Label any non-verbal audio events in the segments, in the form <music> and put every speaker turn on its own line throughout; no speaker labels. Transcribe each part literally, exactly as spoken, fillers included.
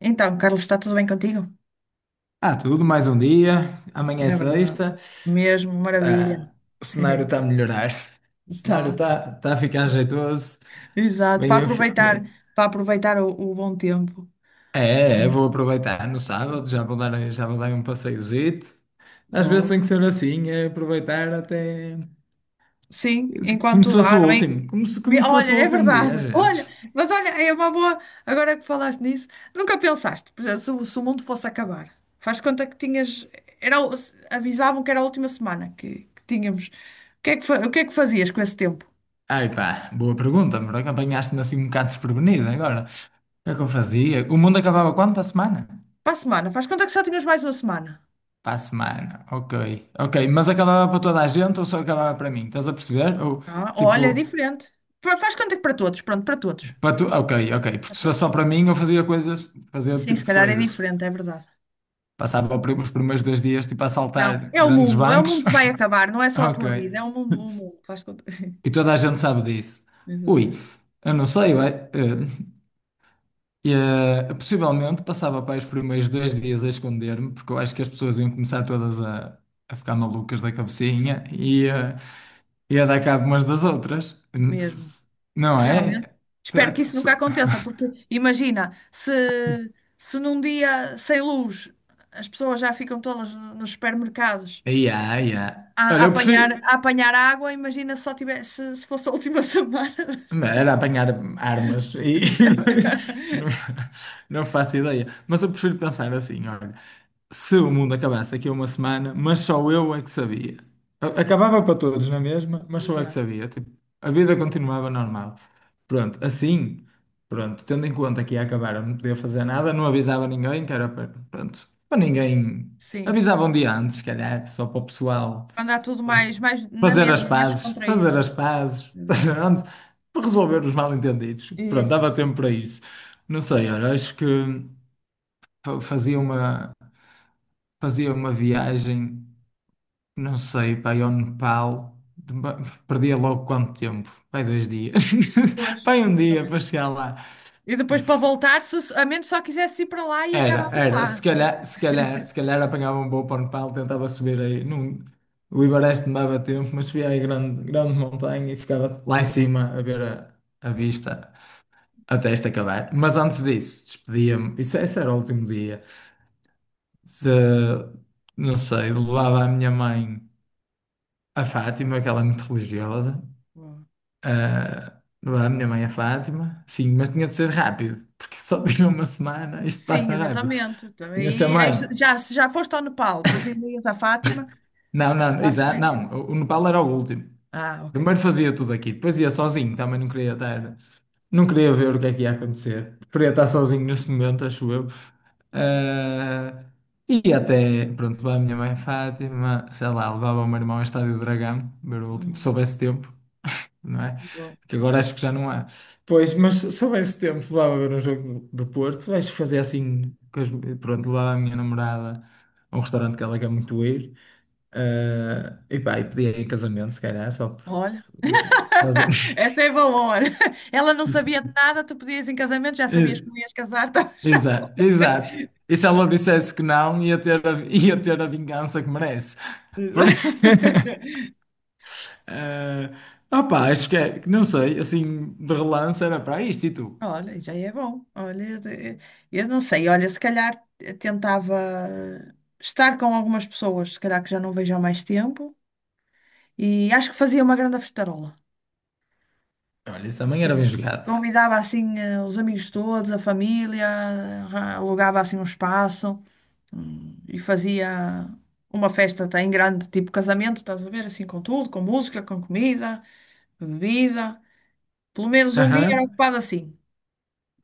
Então, Carlos, está tudo bem contigo?
Ah, tudo, mais um dia. Amanhã é
É verdade.
sexta.
Mesmo, maravilha.
Ah, o cenário está a
<laughs>
melhorar. O cenário
Tá.
está tá tá a ficar jeitoso.
Exato. Para
Bem, eu fi-
aproveitar,
bem,
para aproveitar o, o bom tempo.
é, é, é, vou aproveitar no sábado, já vou dar, já vou dar um passeiozito. Às vezes tem
Boa.
que ser assim, é aproveitar até
Sim,
como se
enquanto
fosse
dá,
o
não é?
último, como se,
Me-
como se
Olha,
fosse o
é
último dia, às
verdade. <laughs>
vezes.
Olha, mas olha, é uma boa. Agora que falaste nisso, nunca pensaste, por exemplo, se, o se o mundo fosse acabar, faz de conta que tinhas. Era, o- se- Avisavam que era a última semana que, que tínhamos. O que é que, fa- o que é que fazias com esse tempo?
Ai pá, boa pergunta, mas apanhaste-me assim um bocado desprevenido agora. O que é que eu fazia? O mundo acabava quando? Para a semana?
Para a semana, faz de conta que só tinhas mais uma semana.
Para a semana, ok. Ok, mas acabava para toda a gente ou só acabava para mim? Estás a perceber? Ou
Ah, olha, é
tipo,
diferente. Fa- Faz conta que para todos, pronto, para todos.
para tu. Ok, ok. Porque
Para
se fosse só
todos.
para mim, eu fazia coisas, fazia outro
Sim, se
tipo de
calhar é
coisas.
diferente, é verdade.
Passava pri- os primeiros dois dias tipo a
Não,
assaltar
é o
grandes
mundo, é o
bancos.
mundo que vai acabar,
<laughs>
não é só a
Ok.
tua vida, é o mundo, o mundo. Faz conta.
E
<laughs>
toda a gente sabe disso. Ui,
Exatamente.
eu não sei, ué, eh, eh, eh, possivelmente passava para os primeiros dois dias a esconder-me, porque eu acho que as pessoas iam começar todas a, a ficar malucas da cabecinha.
Exato.
Ia dar cabo umas das outras,
Mesmo.
não
Realmente.
é?
Espero
Tá-
que isso nunca
su-
aconteça, porque imagina, se, se num dia sem luz as pessoas já ficam todas no- nos supermercados
Ia, ia.
a, a
Olha, eu
apanhar,
prefiro.
a apanhar água, imagina se só tivesse, se fosse a última <laughs> semana.
Era apanhar armas e <laughs> não,
<laughs>
não faço ideia. Mas eu prefiro pensar assim, olha, se o mundo acabasse aqui a uma semana, mas só eu é que sabia. A- Acabava para todos na mesma, mas só eu é que
Exato.
sabia. Tipo, a vida continuava normal. Pronto, assim, pronto, tendo em conta que ia acabar, eu não podia fazer nada, não avisava ninguém, que era para, pronto, para ninguém.
Sim.
Avisava um dia antes, se calhar, só para o pessoal.
Mandar tudo mais, mais na
Fazer as
mesma, mais
pazes,
descontraído,
fazer
não
as
é?
pazes. <laughs>
Exato.
Pronto, para resolver os mal-entendidos. Pronto,
Isso,
dava tempo para isso. Não sei, olha, acho que fa- fazia uma, fazia uma viagem, não sei, para ao Nepal. De- perdia logo quanto tempo? Pai, dois dias.
pois,
<laughs> Pai, um dia para
exatamente.
chegar lá.
E depois para voltar, se, a menos só quisesse ir para lá e
Era,
acabavas
era.
lá.
Se
Senão-
calhar, se calhar, se calhar apanhava um bom pano pau, tentava subir aí. Não, o Ibareste não dava tempo, mas subia aí grande, grande montanha e ficava lá em cima a ver a, a vista até isto acabar. Mas antes disso, despedia-me. Isso, esse era o último dia. Se, não sei, levava a minha mãe a Fátima, que ela é muito religiosa.
Bom,
Ah, levava a minha mãe a Fátima, sim, mas tinha de ser rápido, porque só <laughs> tinha uma semana, isto
sim,
passa rápido.
exatamente.
Tinha de ser
Também, e aí,
mãe.
já, se já foste ao Nepal, depois ainda ias à Fátima,
Não, não,
lá se vai
exato, não,
aquilo.
o o Nepal era o último.
Ah, ok.
Primeiro fazia tudo aqui, depois ia sozinho, também não queria estar, não queria ver o que é que ia acontecer. Queria estar sozinho neste momento, acho eu. Ah, e até, pronto, lá a minha mãe Fátima, sei lá, levava o meu irmão ao Estádio do Dragão, ver o último, se
Uhum.
soubesse tempo, não é?
Bom.
Que agora acho que já não há. Pois, mas se soubesse tempo, levava ver um jogo do, do Porto, acho que fazia assim, com as- pronto, levava a minha namorada a um restaurante que ela quer muito ir. Ah, e pá, e pedia em casamento, se calhar, só por.
Olha,
Estás a-
<laughs>
<laughs>
essa é valor. Ela não sabia de nada, tu pedias em casamento, já sabias
Eh,
que não ias casar, então <laughs> já foi.
exato, exato. E se ela dissesse que não, ia ter a, <laughs> ia ter a vingança que merece. Por... <laughs>
<laughs>
Eh, opá, acho que é, que não sei, assim, de relance era para isto e tu.
Olha, já é bom. Olha, eu eu não sei. Olha, se calhar tentava estar com algumas pessoas, se calhar que já não vejo há mais tempo, e acho que fazia uma grande festarola.
Olha, isso também era bem
Sim.
jogado.
Convidava assim eh, os amigos todos, a família, arra- alugava assim um espaço, hum, e fazia uma festa até em grande, tipo casamento, estás a ver? Assim com tudo, com música, com comida, bebida. Pelo menos um dia era
Aham.
ocupado assim.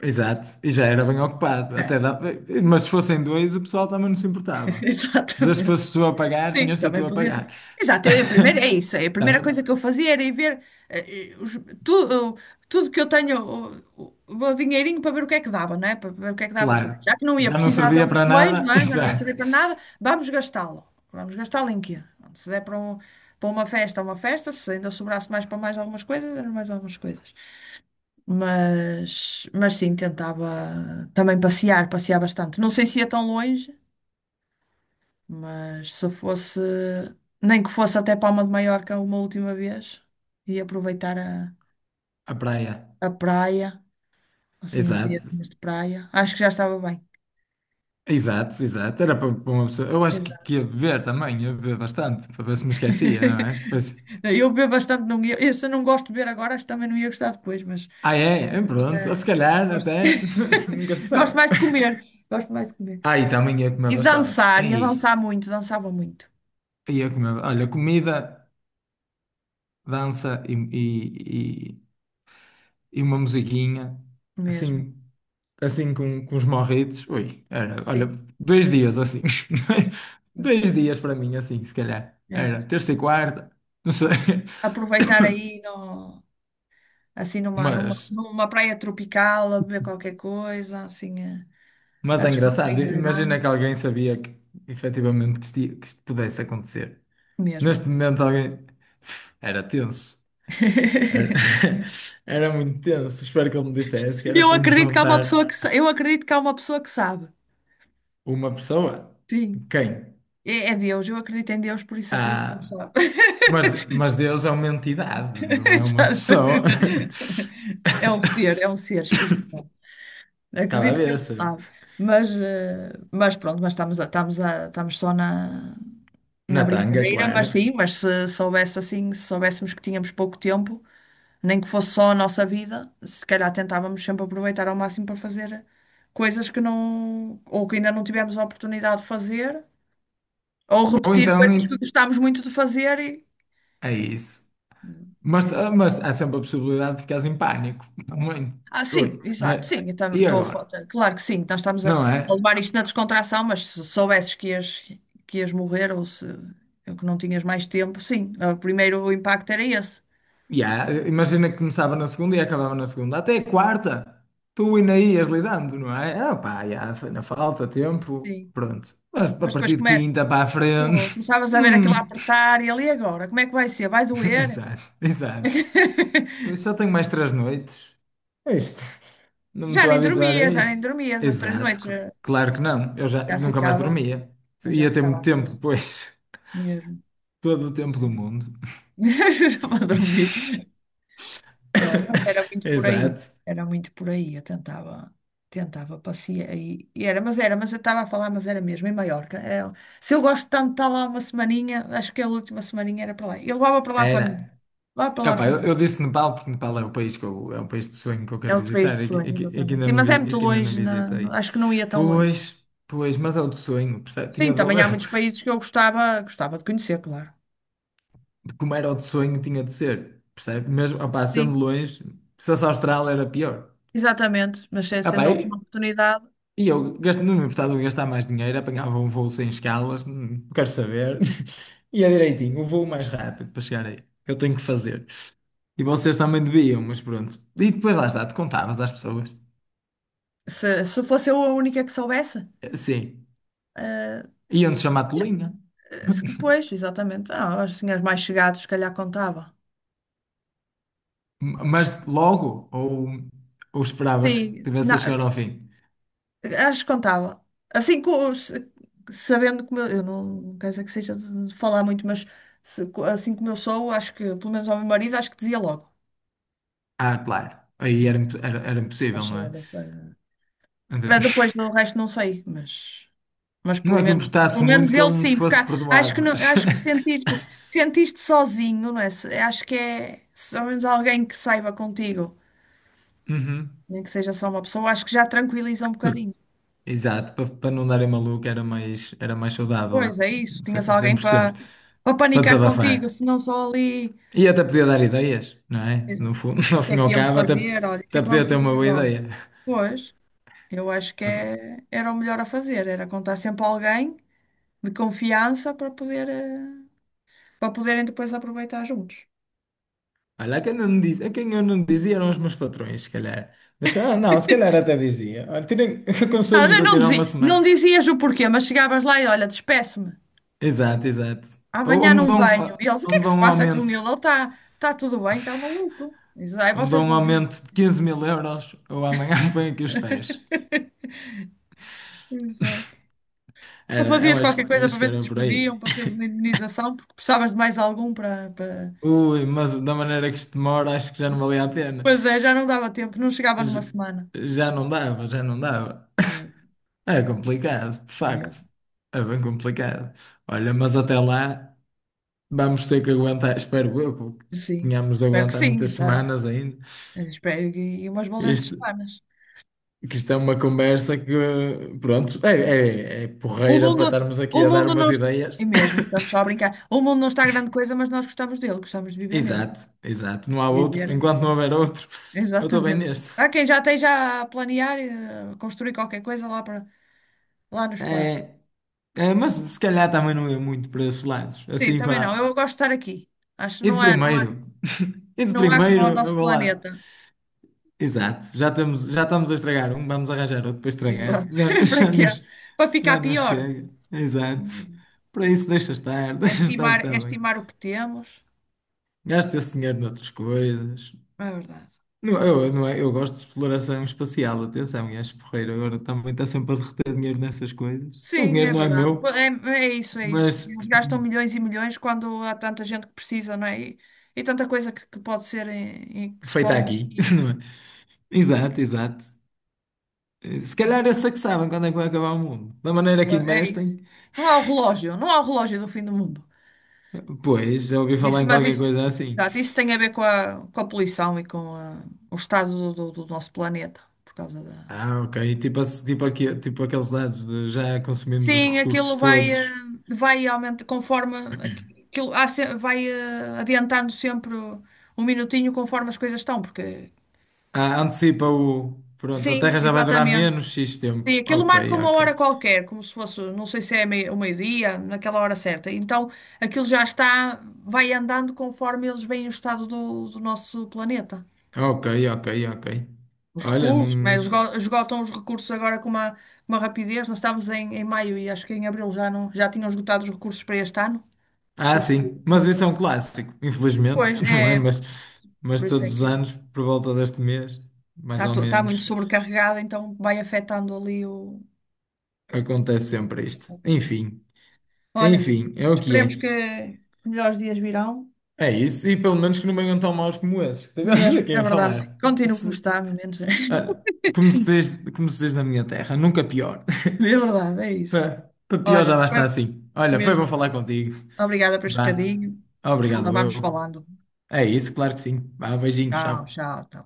Exato, e já era bem ocupado. Até
É,
dá... Mas se fossem dois, o pessoal também não se
<laughs>
importava. Desde que
exatamente.
fosses tu a pagar,
Sim,
tinhas-te a tu
também
a
podia ser.
pagar.
Exato, eu, a primeira, é
<laughs>
isso. É a primeira
Também,
coisa que eu fazia era ir ver eh, eh, os- tudo, tudo que eu tenho, o, o- o meu dinheirinho para ver o que é que dava, não é? Para ver o que é que dava para fazer.
claro.
Já que não ia
Já não
precisar
servia
dele
para
depois,
nada,
não
<laughs>
é? Já não ia
exato.
servir para nada, vamos gastá-lo. Vamos gastá-lo em quê? Se der para, um- para uma festa, é uma festa, se ainda sobrasse mais para mais algumas coisas, eram mais algumas coisas. Mas, mas sim, tentava também passear, passear bastante. Não sei se ia tão longe. Mas se fosse, nem que fosse até Palma de Maiorca uma última vez e aproveitar a,
A praia,
a praia, assim, uns dias
exato.
de praia, acho que já estava bem.
Exato, exato. Era para para uma pessoa. Eu acho que,
Exato.
que ia beber também, ia beber bastante, para ver se me esquecia, não é?
<laughs>
Depois,
Eu bebo bastante, não ia, eu, se não gosto de beber agora, acho que também não ia gostar depois, mas
ah, é? É, pronto, ou se
eh, eu
calhar
gosto,
até <laughs> nunca se
<laughs> gosto
sabe.
mais de comer. Gosto mais de comer.
Aí também ia comer
E
bastante.
dançar, ia
Aí
dançar muito, dançava muito
ia comer. Olha, comida. Dança e, e, e, e uma musiquinha,
mesmo.
assim, assim com, com os morritos. Ui, era, olha,
Sim,
dois dias assim. <laughs> Dois dias para mim, assim, se calhar.
é
Era
isso.
terça e quarta, não sei.
Aproveitar aí
<coughs>
no assim numa, numa,
Mas,
numa praia tropical, a beber qualquer coisa, assim, a,
mas
a
é engraçado.
descontrair a grana,
Imagina que alguém sabia que efetivamente que isto, ia- que isto pudesse acontecer.
mesmo.
Neste momento alguém <sighs> era tenso. Era,
<laughs>
<laughs> era muito tenso. Espero que ele me dissesse que era
Eu
para me
acredito que há uma pessoa
juntar.
que, sa- eu acredito que há uma pessoa que sabe.
Uma pessoa?
Sim.
Quem?
É, é Deus, eu acredito em Deus, por isso acredito que ele
Ah,
sabe. <laughs>
mas, de- mas Deus é uma entidade, não é uma
Sabe?
pessoa. <laughs>
É um ser, é um ser espiritual.
Estava a
Acredito que
ver
ele
se.
sabe, mas, eh, mas pronto, mas estamos, a- estamos, a- estamos só na,
Na
na
tanga,
brincadeira,
claro.
mas sim, mas se soubesse assim, se soubéssemos que tínhamos pouco tempo, nem que fosse só a nossa vida, se calhar tentávamos sempre aproveitar ao máximo para fazer coisas que não, ou que ainda não tivemos a oportunidade de fazer, ou
Ou
repetir
então
coisas que
em-
gostámos muito de fazer e.
é isso. Mas,
É.
ah, mas há sempre a possibilidade de ficares em pânico. Muito.
Ah, sim,
Ui,
exato,
vai.
sim, eu tam-
E
estou a
agora?
foto. Claro que sim, nós estamos a,
Não
a
é?
levar isto na descontração, mas se soubesses que ias, que ias morrer ou se ou que não tinhas mais tempo, sim, ah, o primeiro impacto era esse.
Ya, imagina que começava na segunda e acabava na segunda, até a quarta, tu ainda ias lidando, não é? Ah, pá, já, foi na falta, tempo,
Sim.
pronto. Mas a
Mas depois
partir de
come-
quinta para a
pô,
frente, <laughs>
começavas a ver aquilo a
hum,
apertar e ali agora, como é que vai ser? Vai
<laughs>
doer?
exato, exato. Eu
<laughs>
só tenho mais três noites. É isto, não me
Já
estou a
nem
habituar a
dormia, já
isto.
nem dormia essas três
Exato,
noites.
cl-
Já,
claro que não, eu já
já
nunca mais
ficava,
dormia,
já
ia ter
ficava
muito tempo
acordada
depois,
mesmo.
<laughs> todo o tempo do
Sério.
mundo.
<laughs> Estava a dormir. Ah, mas era
<laughs>
muito por aí.
Exato,
Era muito por aí. Eu tentava, tentava passear. E, e era, mas era, mas eu estava a falar, mas era mesmo, em Maiorca. É, se eu gosto tanto de estar lá uma semaninha, acho que a última semaninha era para lá. E levava para lá a família.
era.
Levava para lá a
Epá, eu,
família.
eu disse Nepal porque Nepal é o país que eu, é um país de sonho que eu
É
quero
outro país de
visitar e que, e
sonho,
que- e que
exatamente.
ainda
Sim,
não,
mas é
vi-
muito
e que ainda não
longe, na-
visitei.
acho que não ia tão longe.
Pois, pois, mas é o de sonho, percebe?
Sim,
Tinha de
também
valer.
há muitos
<laughs>
países que eu gostava, gostava de conhecer, claro.
Como era o de sonho, tinha de ser, percebe? Mesmo, opá, sendo
Sim,
longe, se fosse a Austrália era pior.
exatamente. Mas se- sendo
Epá,
a
e,
última oportunidade.
e eu gasto, não me importava de gastar mais dinheiro, apanhava um voo sem escalas, não quero saber. <laughs> E é direitinho, o voo mais rápido para chegar aí. Eu tenho que fazer. E vocês também deviam, mas pronto. E depois lá está, te contavas às pessoas.
Se, se fosse eu a única que soubesse,
Sim,
eh,
iam-te chamar tolinha.
se que pois, exatamente. Ah, aos senhores mais chegados, se calhar contava.
M-
Acho
mas logo, ou, ou
que
esperavas que
sim.
tivesse a
Na-
chegar ao fim?
acho que contava. Assim, co- se- Sabendo como eu, eu não, não quero dizer que seja de de falar muito, mas se co- assim como eu sou, acho que, pelo menos ao meu marido, acho que dizia logo.
Ah, claro, aí era, imp- era, era
Vai
impossível, não
cheia
é?
da fa-
Então,
Mas depois
<laughs>
do resto, não sei, mas. Mas
não
pelo
é que
menos,
importasse
pelo menos
muito que
ele
ele não te
sim, porque
fosse
há- acho
perdoar,
que não,
mas.
acho que
<laughs>
sentiste, sentiste sozinho, não é? Se- Acho que é, se ao menos alguém que saiba contigo,
Uhum.
nem que seja só uma pessoa, acho que já tranquiliza um bocadinho.
Exato, para, para não darem maluco era mais, era mais
Pois
saudável,
é isso, tinhas
ce- cem
alguém
por
para
cento
para
para
panicar contigo,
desabafar.
se não só ali.
E até podia dar ideias, não é? No
Exato.
fundo, <laughs> no
O que
fim
é
e
que
ao
íamos
cabo, até,
fazer? Olha, o que é
até
que
podia
vamos
ter uma
fazer
boa
agora?
ideia.
Pois, eu acho que é, era o melhor a fazer, era contar sempre a alguém de confiança para poder, eh, para poderem depois aproveitar juntos.
Olha, quem eu não dizia, quem eu não dizia eram os meus patrões, se calhar. Mas ah, não, se calhar até dizia. Olha, tirem, <laughs>
Não,
aconselho-vos
eu
a
não
tirar uma
dizia,
semana.
não dizias o porquê, mas chegavas lá e olha, despeço-me,
Exato, exato. Ou, ou
amanhã
me
não
dão,
venho.
ah,
E eles, o que
ou
é
me
que
dão
se
um
passa com
aumento,
ele? Ele está tá tá tudo bem, está maluco. Diz, ai,
ou me
vocês
dão um
vão ver.
aumento de quinze mil euros, ou amanhã <laughs> me põem aqui os pés.
Exato. Não
Era, eu
fazias
acho,
qualquer
que- eu
coisa para
acho que
ver se te
era por aí.
despediam, para teres uma indemnização, porque precisavas de mais algum para, para...
Ui, mas da maneira que isto demora, acho que já não valia a pena.
Pois é, já não dava tempo, não chegava numa
J-
semana.
Já, não dava, já não dava.
É,
É complicado, de
mesmo.
facto. É bem complicado. Olha, mas até lá. Vamos ter que aguentar, espero eu, porque
Sim,
tínhamos de
espero que
aguentar muitas
sim, tá.
semanas ainda.
Eu espero e umas valentes
Isto,
semanas.
que isto é uma conversa que, pronto, é, é, é
O
porreira para
mundo,
estarmos
o
aqui a dar
mundo não
umas
está... E
ideias.
mesmo, estamos só a brincar. O mundo não está grande coisa, mas nós gostamos dele, gostamos de viver nele.
Exato, exato. Não há
Viver
outro.
é muito
Enquanto não
bom.
houver outro, eu estou bem
Exatamente.
neste.
Há quem já esteja a planear e a construir qualquer coisa lá, para, lá no espaço.
É, é, mas se calhar também não ia muito para esses lados.
Sim,
Assim,
também não.
pá.
Eu gosto de estar aqui. Acho que
E de
não é, não,
primeiro? E de
não há como
primeiro,
o
eu
nosso
vou lá.
planeta.
Exato, já estamos, já estamos a estragar um, vamos arranjar outro para estragar.
Exato.
Já, <laughs>
<laughs> Para
já
quê?
nos,
Para ficar
já não
pior.
chega. Exato. Para isso deixa estar, <laughs>
É
deixa estar o
estimar,
que
é
está bem.
estimar o que temos.
Gasta esse dinheiro noutras coisas.
É verdade.
Não, eu, não é, eu gosto de exploração espacial, atenção, e acho porreiro. Agora também está sempre a derreter dinheiro nessas coisas. O
Sim,
dinheiro
é
não é
verdade.
meu,
Pô, é, é isso, é isso.
mas
Eles gastam milhões e milhões quando há tanta gente que precisa, não é? E, e tanta coisa que, que pode ser em, em que se
feito
pode
aqui,
investir.
<laughs> não é? Exato, exato. Se calhar esses é que sabem quando é que vai acabar o mundo. Da maneira que
É é isso.
investem,
Não há o relógio, não há o relógio do fim do mundo.
pois, já ouvi
Mas
falar
isso,
em
mas
qualquer
isso,
coisa assim.
exato, isso tem a ver com a, com a poluição e com a- o estado do, do- do nosso planeta, por causa da...
Ah, ok. Tipo, ass- tipo, aqui, tipo aqueles dados de já consumimos os
Sim, aquilo
recursos
vai, eh,
todos.
vai aumentando conforme... aqui- Aquilo, há se- vai eh, adiantando sempre um minutinho conforme as coisas estão, porque...
Ah, antecipa o. Pronto, a
Sim,
Terra já vai durar
exatamente.
menos X tempo.
Sim, aquilo marca
Ok,
uma hora
ok.
qualquer, como se fosse, não sei se é mei- o meio-dia, naquela hora certa. Então, aquilo já está, vai andando conforme eles veem o estado do, do nosso planeta.
Ok, ok, ok.
Os
Olha, não,
recursos, né?
não
Eles
sei.
esgotam os recursos agora com uma, uma rapidez. Nós estamos em, em maio e acho que em abril já, não, já tinham esgotado os recursos para este ano, os
Ah,
recursos
sim. Mas isso é um
naturais.
clássico, infelizmente,
Pois,
<laughs> não é?
é,
Mas, mas
por isso é
todos os
que
anos, por volta deste mês, mais
está,
ou
to- está muito
menos,
sobrecarregada, então vai afetando ali o.
acontece sempre isto. Enfim,
Olha,
enfim, é o que
esperemos
é.
que melhores dias virão.
É isso, e pelo menos que não venham tão maus como esses que tivemos
Mesmo,
aqui
é
a
verdade.
falar.
Continuo como está, menos.
Olha, como se
<laughs>
diz, como se diz na minha terra, nunca pior.
É verdade, é
<laughs>
isso.
Para pior
Olha,
já basta
foi
assim. Olha, foi bom
mesmo.
falar contigo.
Obrigada por este
Vá.
bocadinho. Fala-
Obrigado,
Vamos
eu.
falando.
É isso, claro que sim. Vá, beijinho,
Tchau,
tchau.
tchau, tchau.